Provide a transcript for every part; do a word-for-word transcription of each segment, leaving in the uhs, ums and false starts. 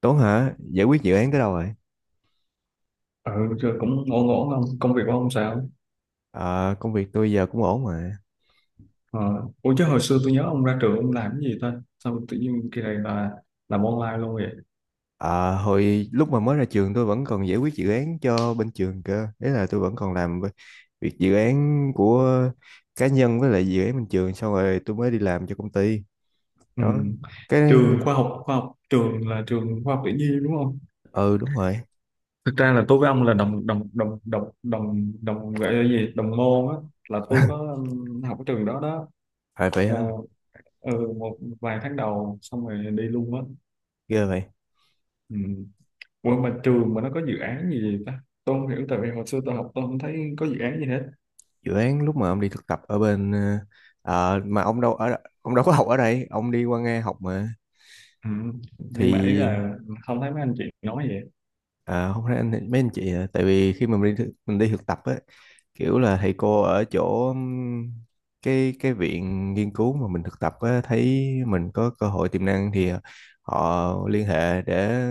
Tuấn hả? Giải quyết dự án tới đâu rồi? Ừ, rồi cũng ngộ ngộ không? Công việc của ông sao? Ờ, công việc tôi giờ cũng ổn mà. Ờ. Ủa chứ hồi xưa tôi nhớ ông ra trường ông làm cái gì ta? Sao tự nhiên kỳ này là làm online luôn vậy? Ờ, hồi lúc mà mới ra trường tôi vẫn còn giải quyết dự án cho bên trường cơ. Đấy là tôi vẫn còn làm v- việc dự án của cá nhân với lại dự án bên trường xong rồi tôi mới đi làm cho công ty. Ừ. Đó. Cái Trường khoa học, khoa học trường là trường khoa học tự nhiên đúng không? ừ, đúng rồi. Thực ra là tôi với ông là đồng đồng đồng đồng đồng đồng gọi là gì? Đồng môn á, là tôi có um, học ở trường đó đó. Phải vậy Ờ, hả? ừ, một vài tháng đầu xong rồi đi luôn á. Ghê vậy. Ừ. Ủa Ồ, mà trường mà nó có dự án gì vậy ta? Tôi không hiểu tại vì hồi xưa tôi học tôi không thấy có dự án gì hết. dự án lúc mà ông đi thực tập ở bên ờ, ờ, mà ông đâu ở ông đâu có học ở đây, ông đi qua Nga học mà Ừ. Nhưng mà ý thì. là không thấy mấy anh chị nói vậy. À, không phải anh mấy anh chị à, tại vì khi mà mình đi thực, mình đi thực tập á, kiểu là thầy cô ở chỗ ừm, cái cái viện nghiên cứu mà mình thực tập á, thấy mình có cơ hội tiềm năng thì họ liên hệ để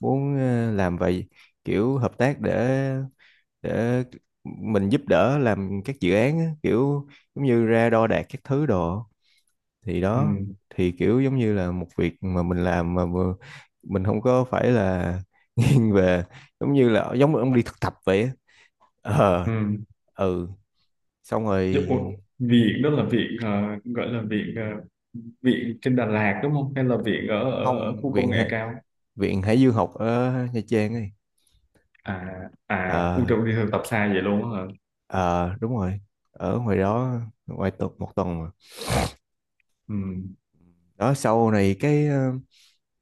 muốn ờ, làm vậy, kiểu hợp tác để để mình giúp đỡ làm các dự án á, kiểu giống như ra đo đạc các thứ đồ thì Ừ. đó, thì kiểu giống như là một việc mà mình làm mà vừa- mình không có phải là nghiêng về, giống như là giống như ông đi thực tập vậy á. Ờ, Ừ. ừ, xong Chứ, rồi. ủa, viện đó là viện ờ, gọi là viện ờ, viện trên Đà Lạt đúng không? Hay là viện ở ở, ở Không, khu công viện nghệ Hải- cao? viện Hải Dương học ở Nha Trang ấy. À, à, u Ờ, trời đi thực tập xa vậy luôn á hả? ờ, đúng rồi. Ở ngoài đó ngoài tuần một tuần mà Ừ. đó. Sau này cái ờ,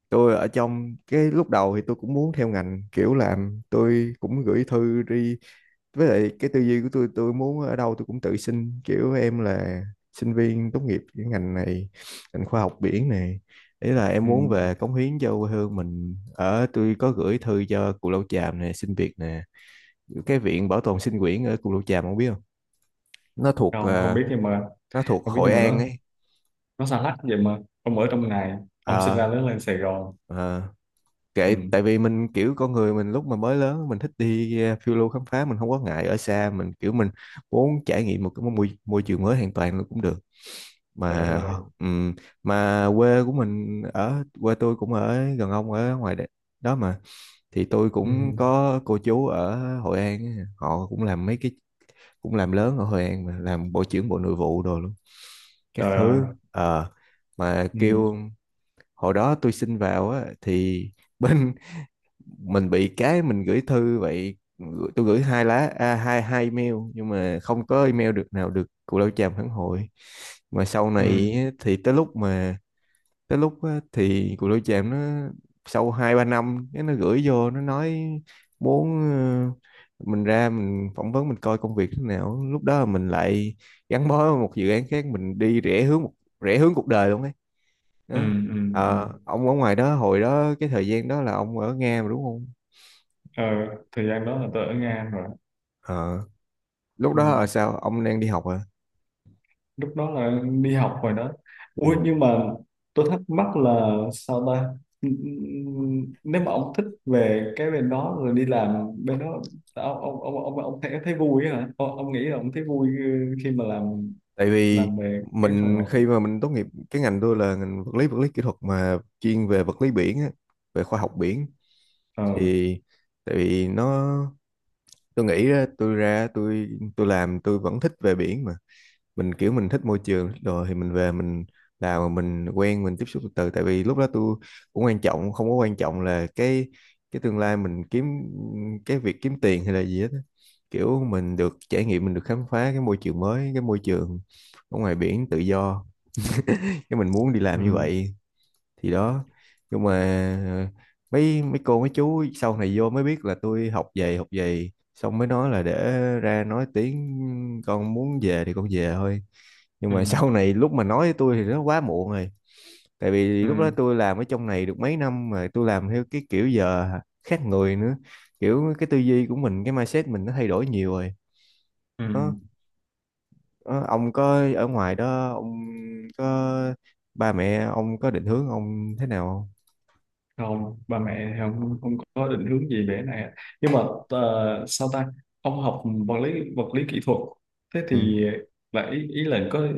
tôi ở trong cái lúc đầu thì tôi cũng muốn theo ngành, kiểu làm tôi cũng gửi thư đi, với lại cái tư duy của tôi tôi muốn ở đâu tôi cũng tự xin, kiểu em là sinh viên tốt nghiệp cái ngành này, ngành khoa học biển này, ý là em Ừ. muốn về cống hiến cho quê hương mình ở, tôi có gửi thư cho Cù Lao Chàm nè, xin việc nè, cái viện bảo tồn sinh quyển ở Cù Lao Chàm không biết không, nó thuộc Không, không ờ, biết nhưng mà nó thuộc không biết Hội nhưng mà An nó ấy. nó xa lắc vậy mà ông ở trong này, ông sinh Ờ, ra lớn lên Sài Gòn. ờ, Ừ. kệ, tại vì mình kiểu con người mình lúc mà mới lớn mình thích đi ờ, phiêu lưu khám phá, mình không có ngại ở xa, mình kiểu mình muốn trải nghiệm một cái môi, môi trường mới hoàn toàn cũng được Trời đất mà. ơi. ừm, mà quê của mình ở, quê tôi cũng ở gần ông, ở ngoài đ- đó mà, thì tôi Ừ. cũng có cô chú ở Hội An ấy, họ cũng làm mấy cái cũng làm lớn ở Hội An mà, làm bộ trưởng bộ nội vụ đồ luôn các Trời ơi. thứ. Ờ, mà Ừ. kêu hồi đó tôi xin vào á, thì bên mình bị cái, mình gửi thư vậy, gửi- tôi gửi hai lá à, hai hai email nhưng mà không có email được nào được Cù Lao Chàm phản hồi, mà sau này Ừ. thì tới lúc mà tới lúc á, thì cuộc đối chạm nó sau hai ba năm, cái nó gửi vô nó nói muốn ờ, mình ra mình phỏng vấn mình coi công việc thế nào, lúc đó mình lại gắn bó với một dự án khác, mình đi rẽ hướng một rẽ hướng cuộc đời luôn ấy, Ừ. đó. Ừ. Ừ. Ờ, ông ở ngoài đó, hồi đó cái thời gian đó là ông ở Nga mà đúng không? Ờ, thời gian đó là tôi ở Nga rồi. Ờ, lúc Ừ. đó ở sao ông đang đi học à? Lúc đó là đi học rồi đó. Ừ. Ui nhưng mà tôi thắc mắc là sao ta, nếu mà ông thích về cái bên đó rồi đi làm bên đó, ông ông ông ông, ông thấy thấy vui á hả ông, ông nghĩ là ông thấy vui ờ, khi mà làm Tại vì làm về cái phần mình khi mà mình tốt nghiệp cái ngành tôi là ngành vật lý, vật lý kỹ thuật mà chuyên về vật lý biển á, về khoa học biển ờ thì tại vì nó tôi nghĩ ra tôi ra tôi tôi làm tôi vẫn thích về biển mà, mình kiểu mình thích môi trường rồi thì mình về mình làm mà mình quen mình tiếp xúc từ từ, tại vì lúc đó tôi cũng quan trọng, không có quan trọng là cái cái tương lai mình kiếm, cái việc kiếm tiền hay là gì hết á. Kiểu mình được trải nghiệm mình được khám phá cái môi trường mới, cái môi trường ở ngoài biển tự do, cái mình muốn đi ừ làm như vậy thì đó, nhưng mà ờ, mấy mấy cô mấy chú sau này vô mới biết là tôi học về học về xong mới nói là để ra nói tiếng, con muốn về thì con về thôi, nhưng ừ mà sau này lúc mà nói với tôi thì nó quá muộn rồi, tại vì lúc đó ừ tôi làm ở trong này được mấy năm mà tôi làm theo cái kiểu giờ khác người nữa, kiểu cái tư duy của mình, cái mindset mình nó thay đổi nhiều rồi, ừ nó nó- ông có ở ngoài đó, ông có ba mẹ ông có định hướng ông thế nào không? không, ba mẹ thì không, không có định hướng gì để này, nhưng mà ờ, sao ta, ông học vật lý vật lý kỹ thuật, thế Ừ. thì là ý, ý là có ờ,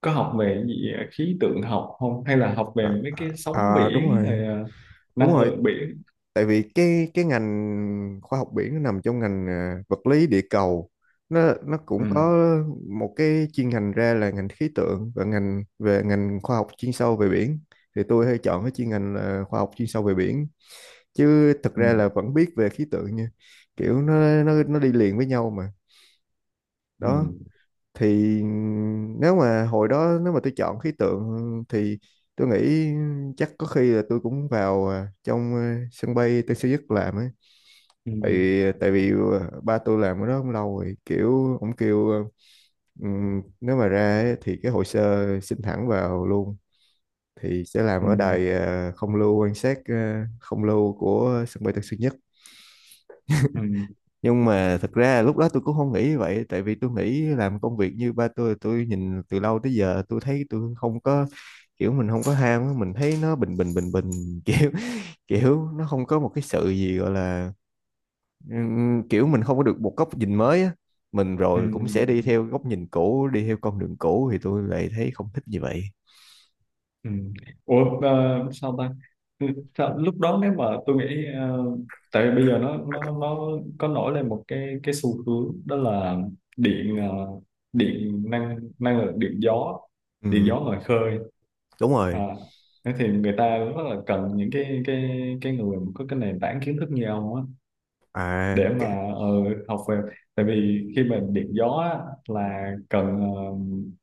có học về cái gì ờ, khí tượng học không, hay là học À, về mấy à, cái sóng à, đúng biển rồi rồi, ờ, đúng năng rồi, lượng biển tại vì cái cái ngành khoa học biển nó nằm trong ngành à, vật lý địa cầu, nó nó cũng ừ có một cái chuyên ngành ra là ngành khí tượng và ngành về ngành khoa học chuyên sâu về biển, thì tôi hay chọn cái chuyên ngành là khoa học chuyên sâu về biển chứ thực ừ ra là vẫn biết về khí tượng nha, kiểu nó nó nó đi liền với nhau mà ừ đó. Thì nếu mà hồi đó nếu mà tôi chọn khí tượng thì tôi nghĩ chắc có khi là tôi cũng vào à, trong à, sân bay Tân Sơn Nhất làm ấy, ừ tại tại vì à, ba tôi làm ở đó cũng lâu rồi, kiểu ông kêu à, ừm, nếu mà ra ấy, thì cái hồ sơ xin thẳng vào luôn, thì sẽ làm ừ ở đài à, không lưu, quan sát à, không lưu của sân bay Tân Sơn Nhất, ừ nhưng mà thật ra lúc đó tôi cũng không nghĩ như vậy, tại vì tôi nghĩ làm công việc như ba tôi tôi nhìn từ lâu tới giờ, tôi thấy tôi không có, kiểu mình không có ham á, mình thấy nó bình bình bình bình, kiểu kiểu nó không có một cái sự gì gọi là ừm, kiểu mình không có được một góc nhìn mới á, mình ừ rồi cũng sẽ đi ừ. theo góc nhìn cũ đi theo con đường cũ, thì tôi lại thấy không thích như vậy. Ừ. Ủa ờ, sao ta. Ừ, sao, lúc đó nếu mà tôi nghĩ ờ, tại vì bây giờ nó nó nó có nổi lên một cái cái xu hướng đó là điện ờ, điện năng năng lượng điện gió, điện Ừ, gió ngoài khơi, đúng à, rồi. thế thì người ta rất là cần những cái cái cái người mà có cái nền tảng kiến thức như ông á, À, để mà cái ờ, học về, tại vì khi mà điện gió á, là cần ờ,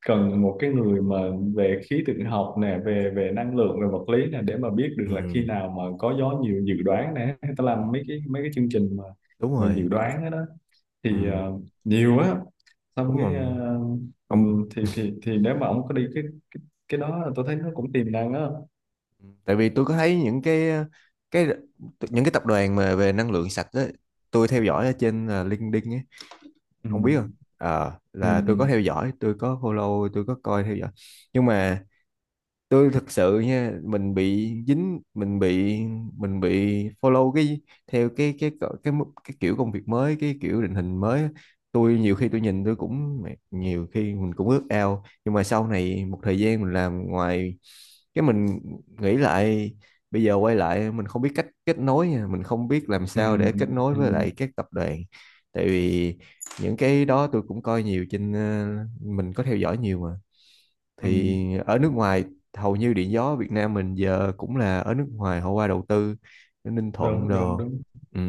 cần một cái người mà về khí tượng học nè, về về năng lượng, về vật lý nè, để mà biết được là khi ừ. nào mà có gió nhiều, dự đoán nè, ta Ừ, làm mấy cái mấy cái chương trình mà đúng mà dự rồi, đoán đó, đó ừ, thì ờ, nhiều á, xong đúng rồi cái ờ, ừ, ông, thì thì thì nếu mà ông có đi cái cái đó là tôi thấy nó cũng tiềm năng á. tại vì tôi có thấy những cái cái những cái tập đoàn mà về năng lượng sạch đó, tôi theo dõi ở trên ờ, LinkedIn ấy, Ừ, ông biết không. Ờ, là tôi có ừ, theo dõi, tôi có follow, tôi có coi theo dõi, nhưng mà tôi thật sự nha, mình bị dính, mình bị mình bị follow cái, theo cái cái cỡ- cái mức- cái kiểu công việc mới, cái kiểu định hình mới á. Tôi nhiều khi tôi nhìn tôi cũng mẹ, nhiều khi mình cũng ước ao, nhưng mà sau này một thời gian mình làm ngoài, cái mình nghĩ lại, bây giờ quay lại mình không biết cách kết nối nha, mình không biết làm ừ, sao để kết nối ừ, ừ, với lại các tập đoàn, tại vì những cái đó tôi cũng coi nhiều trên ờ, mình có theo dõi nhiều mà, ừ. thì ở nước ngoài, hầu như điện gió Việt Nam mình giờ cũng là ở nước ngoài họ qua đầu tư ở Ninh Thuận Đúng, đúng, đồ. đúng, Ừ,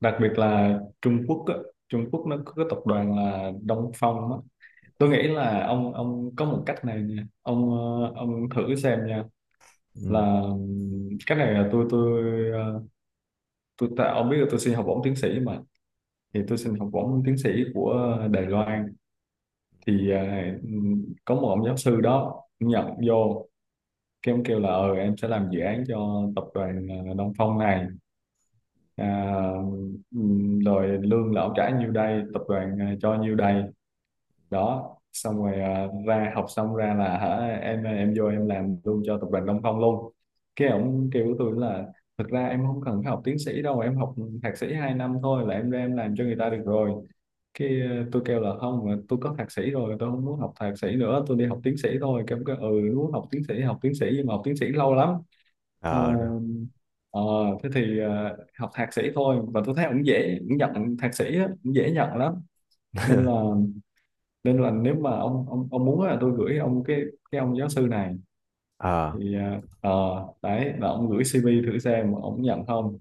đặc biệt là Trung Quốc á, Trung Quốc nó có cái tập đoàn là Đông Phong á. Tôi nghĩ là ông ông có một cách này nha, ông ờ, ông thử xem nha, ừ, là ừm, cái này là tôi tôi ờ, tôi ta, ông biết là tôi xin học bổng tiến sĩ mà, thì tôi xin học bổng tiến sĩ của Đài Loan, thì ờ, ừm, có một ông giáo sư đó nhận vô, cái ông kêu là ờ em sẽ làm dự án cho tập đoàn ờ, Đông Phong này, à, ừm, rồi lương là ông trả nhiêu đây tập đoàn ờ, cho nhiêu đây, đó xong rồi ờ, ra học xong ra là hả em em vô em làm luôn cho tập đoàn Đông Phong luôn, cái ổng kêu với tôi là thực ra em không cần phải học tiến sĩ đâu, em học thạc sĩ hai năm thôi là em ra em làm cho người ta được rồi. Cái ờ, tôi kêu là không mà tôi có thạc sĩ rồi, tôi không muốn học thạc sĩ nữa, tôi đi học tiến sĩ thôi, cái ông kêu ừ muốn học tiến sĩ học tiến sĩ nhưng mà học tiến sĩ lâu lắm. Ờ, ờ. Rồi. ờ, thế thì ờ, học thạc sĩ thôi và tôi thấy cũng dễ, cũng nhận thạc sĩ á, cũng dễ nhận lắm, nên là nên là nếu mà ông ông ông muốn là tôi gửi ông cái cái ông giáo sư này, Ờ, thì ờ ờ, đấy là ông gửi xê vê thử xem mà ông nhận không,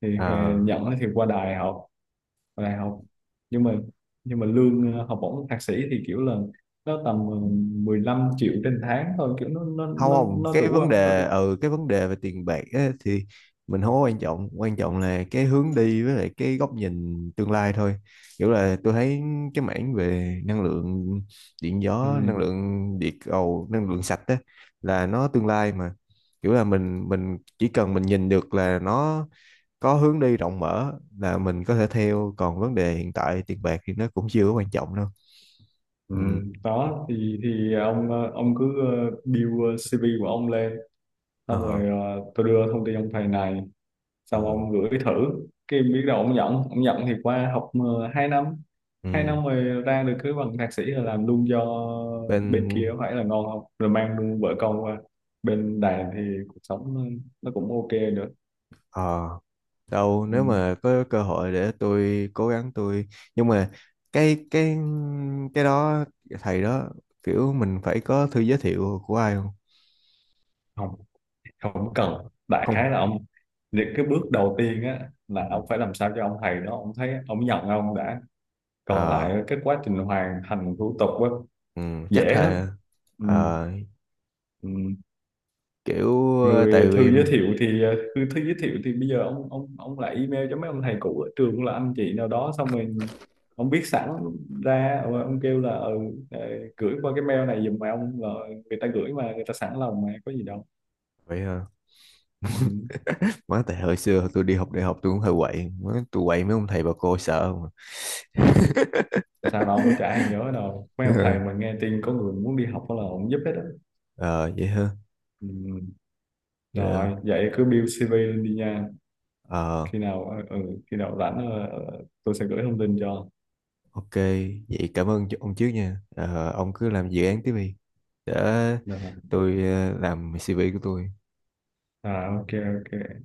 thì ờ, ờ, nhận thì qua đại học, qua đại học, nhưng mà nhưng mà lương ờ, học bổng thạc sĩ thì kiểu là nó tầm ờ, mười lăm triệu trên tháng thôi, kiểu nó nó không nó không nó cái đủ vấn không, nó đề đủ. ừ cái vấn đề về tiền bạc á, thì mình không có quan trọng quan trọng là cái hướng đi với lại cái góc nhìn tương lai thôi kiểu là tôi thấy cái mảng về năng lượng điện Ừ. gió năng lượng địa cầu năng lượng sạch á là nó tương lai mà kiểu là mình mình chỉ cần mình nhìn được là nó có hướng đi rộng mở là mình có thể theo còn vấn đề hiện tại tiền bạc thì nó cũng chưa có quan trọng đâu Ừ. ừ. Đó thì thì ông ờ, ông cứ ờ, build xê vê của ông lên, xong ờ rồi ờ, tôi đưa thông tin ông thầy này, ờ, xong ông gửi thử, cái biết đâu ông nhận, ông nhận thì qua học ờ, hai năm, hai ừ. năm rồi ra được cái bằng thạc sĩ là làm luôn cho bên kia, bên có phải là ngon không, rồi mang luôn vợ con qua bên Đài thì cuộc sống nó nó cũng ok nữa. Ờ, Đâu nếu Ừ. mà có cơ hội để tôi cố gắng tôi, nhưng mà cái cái cái đó, thầy đó, kiểu mình phải có thư giới thiệu của ai không? Không, không cần, đại khái Không. là ông, những cái bước đầu tiên á là ông phải làm sao cho ông thầy đó ông thấy ông nhận ông đã, còn Ờ, lại cái quá trình hoàn thành thủ tục á ừ, chắc dễ lắm. là Ừ. ờ, Ừ. kiểu ờ, tại Người thư vì giới thiệu thì ờ, thư, thư giới thiệu thì bây giờ ông ông ông lại email cho mấy ông thầy cũ ở trường là anh chị nào đó, xong rồi ông viết sẵn ra, rồi ông kêu là ừ, ờ, gửi qua cái mail này giùm, mà ông là người ta gửi, mà người ta sẵn lòng mà có gì đâu. vậy hả? Ừ. Má, tại hồi xưa tôi đi học đại học tôi cũng hơi quậy, Má, tôi quậy mấy ông thầy bà cô sợ mà. Không sao đâu, chả ai nhớ đâu, mấy ông thầy mà nghe tin có người muốn đi học là ông giúp hết đó. Ờ, vậy hả? Ừ. Rồi vậy cứ build xê vê lên đi nha, Ờ, khi nào ờ, ừ, khi nào rảnh ờ, ờ, tôi sẽ gửi thông tin cho. Ok, vậy cảm ơn ch- ông trước nha. Ờ, ông cứ làm dự án tiếp đi. Để Rồi. tôi ờ, làm xê vê của tôi. À, ok, ok.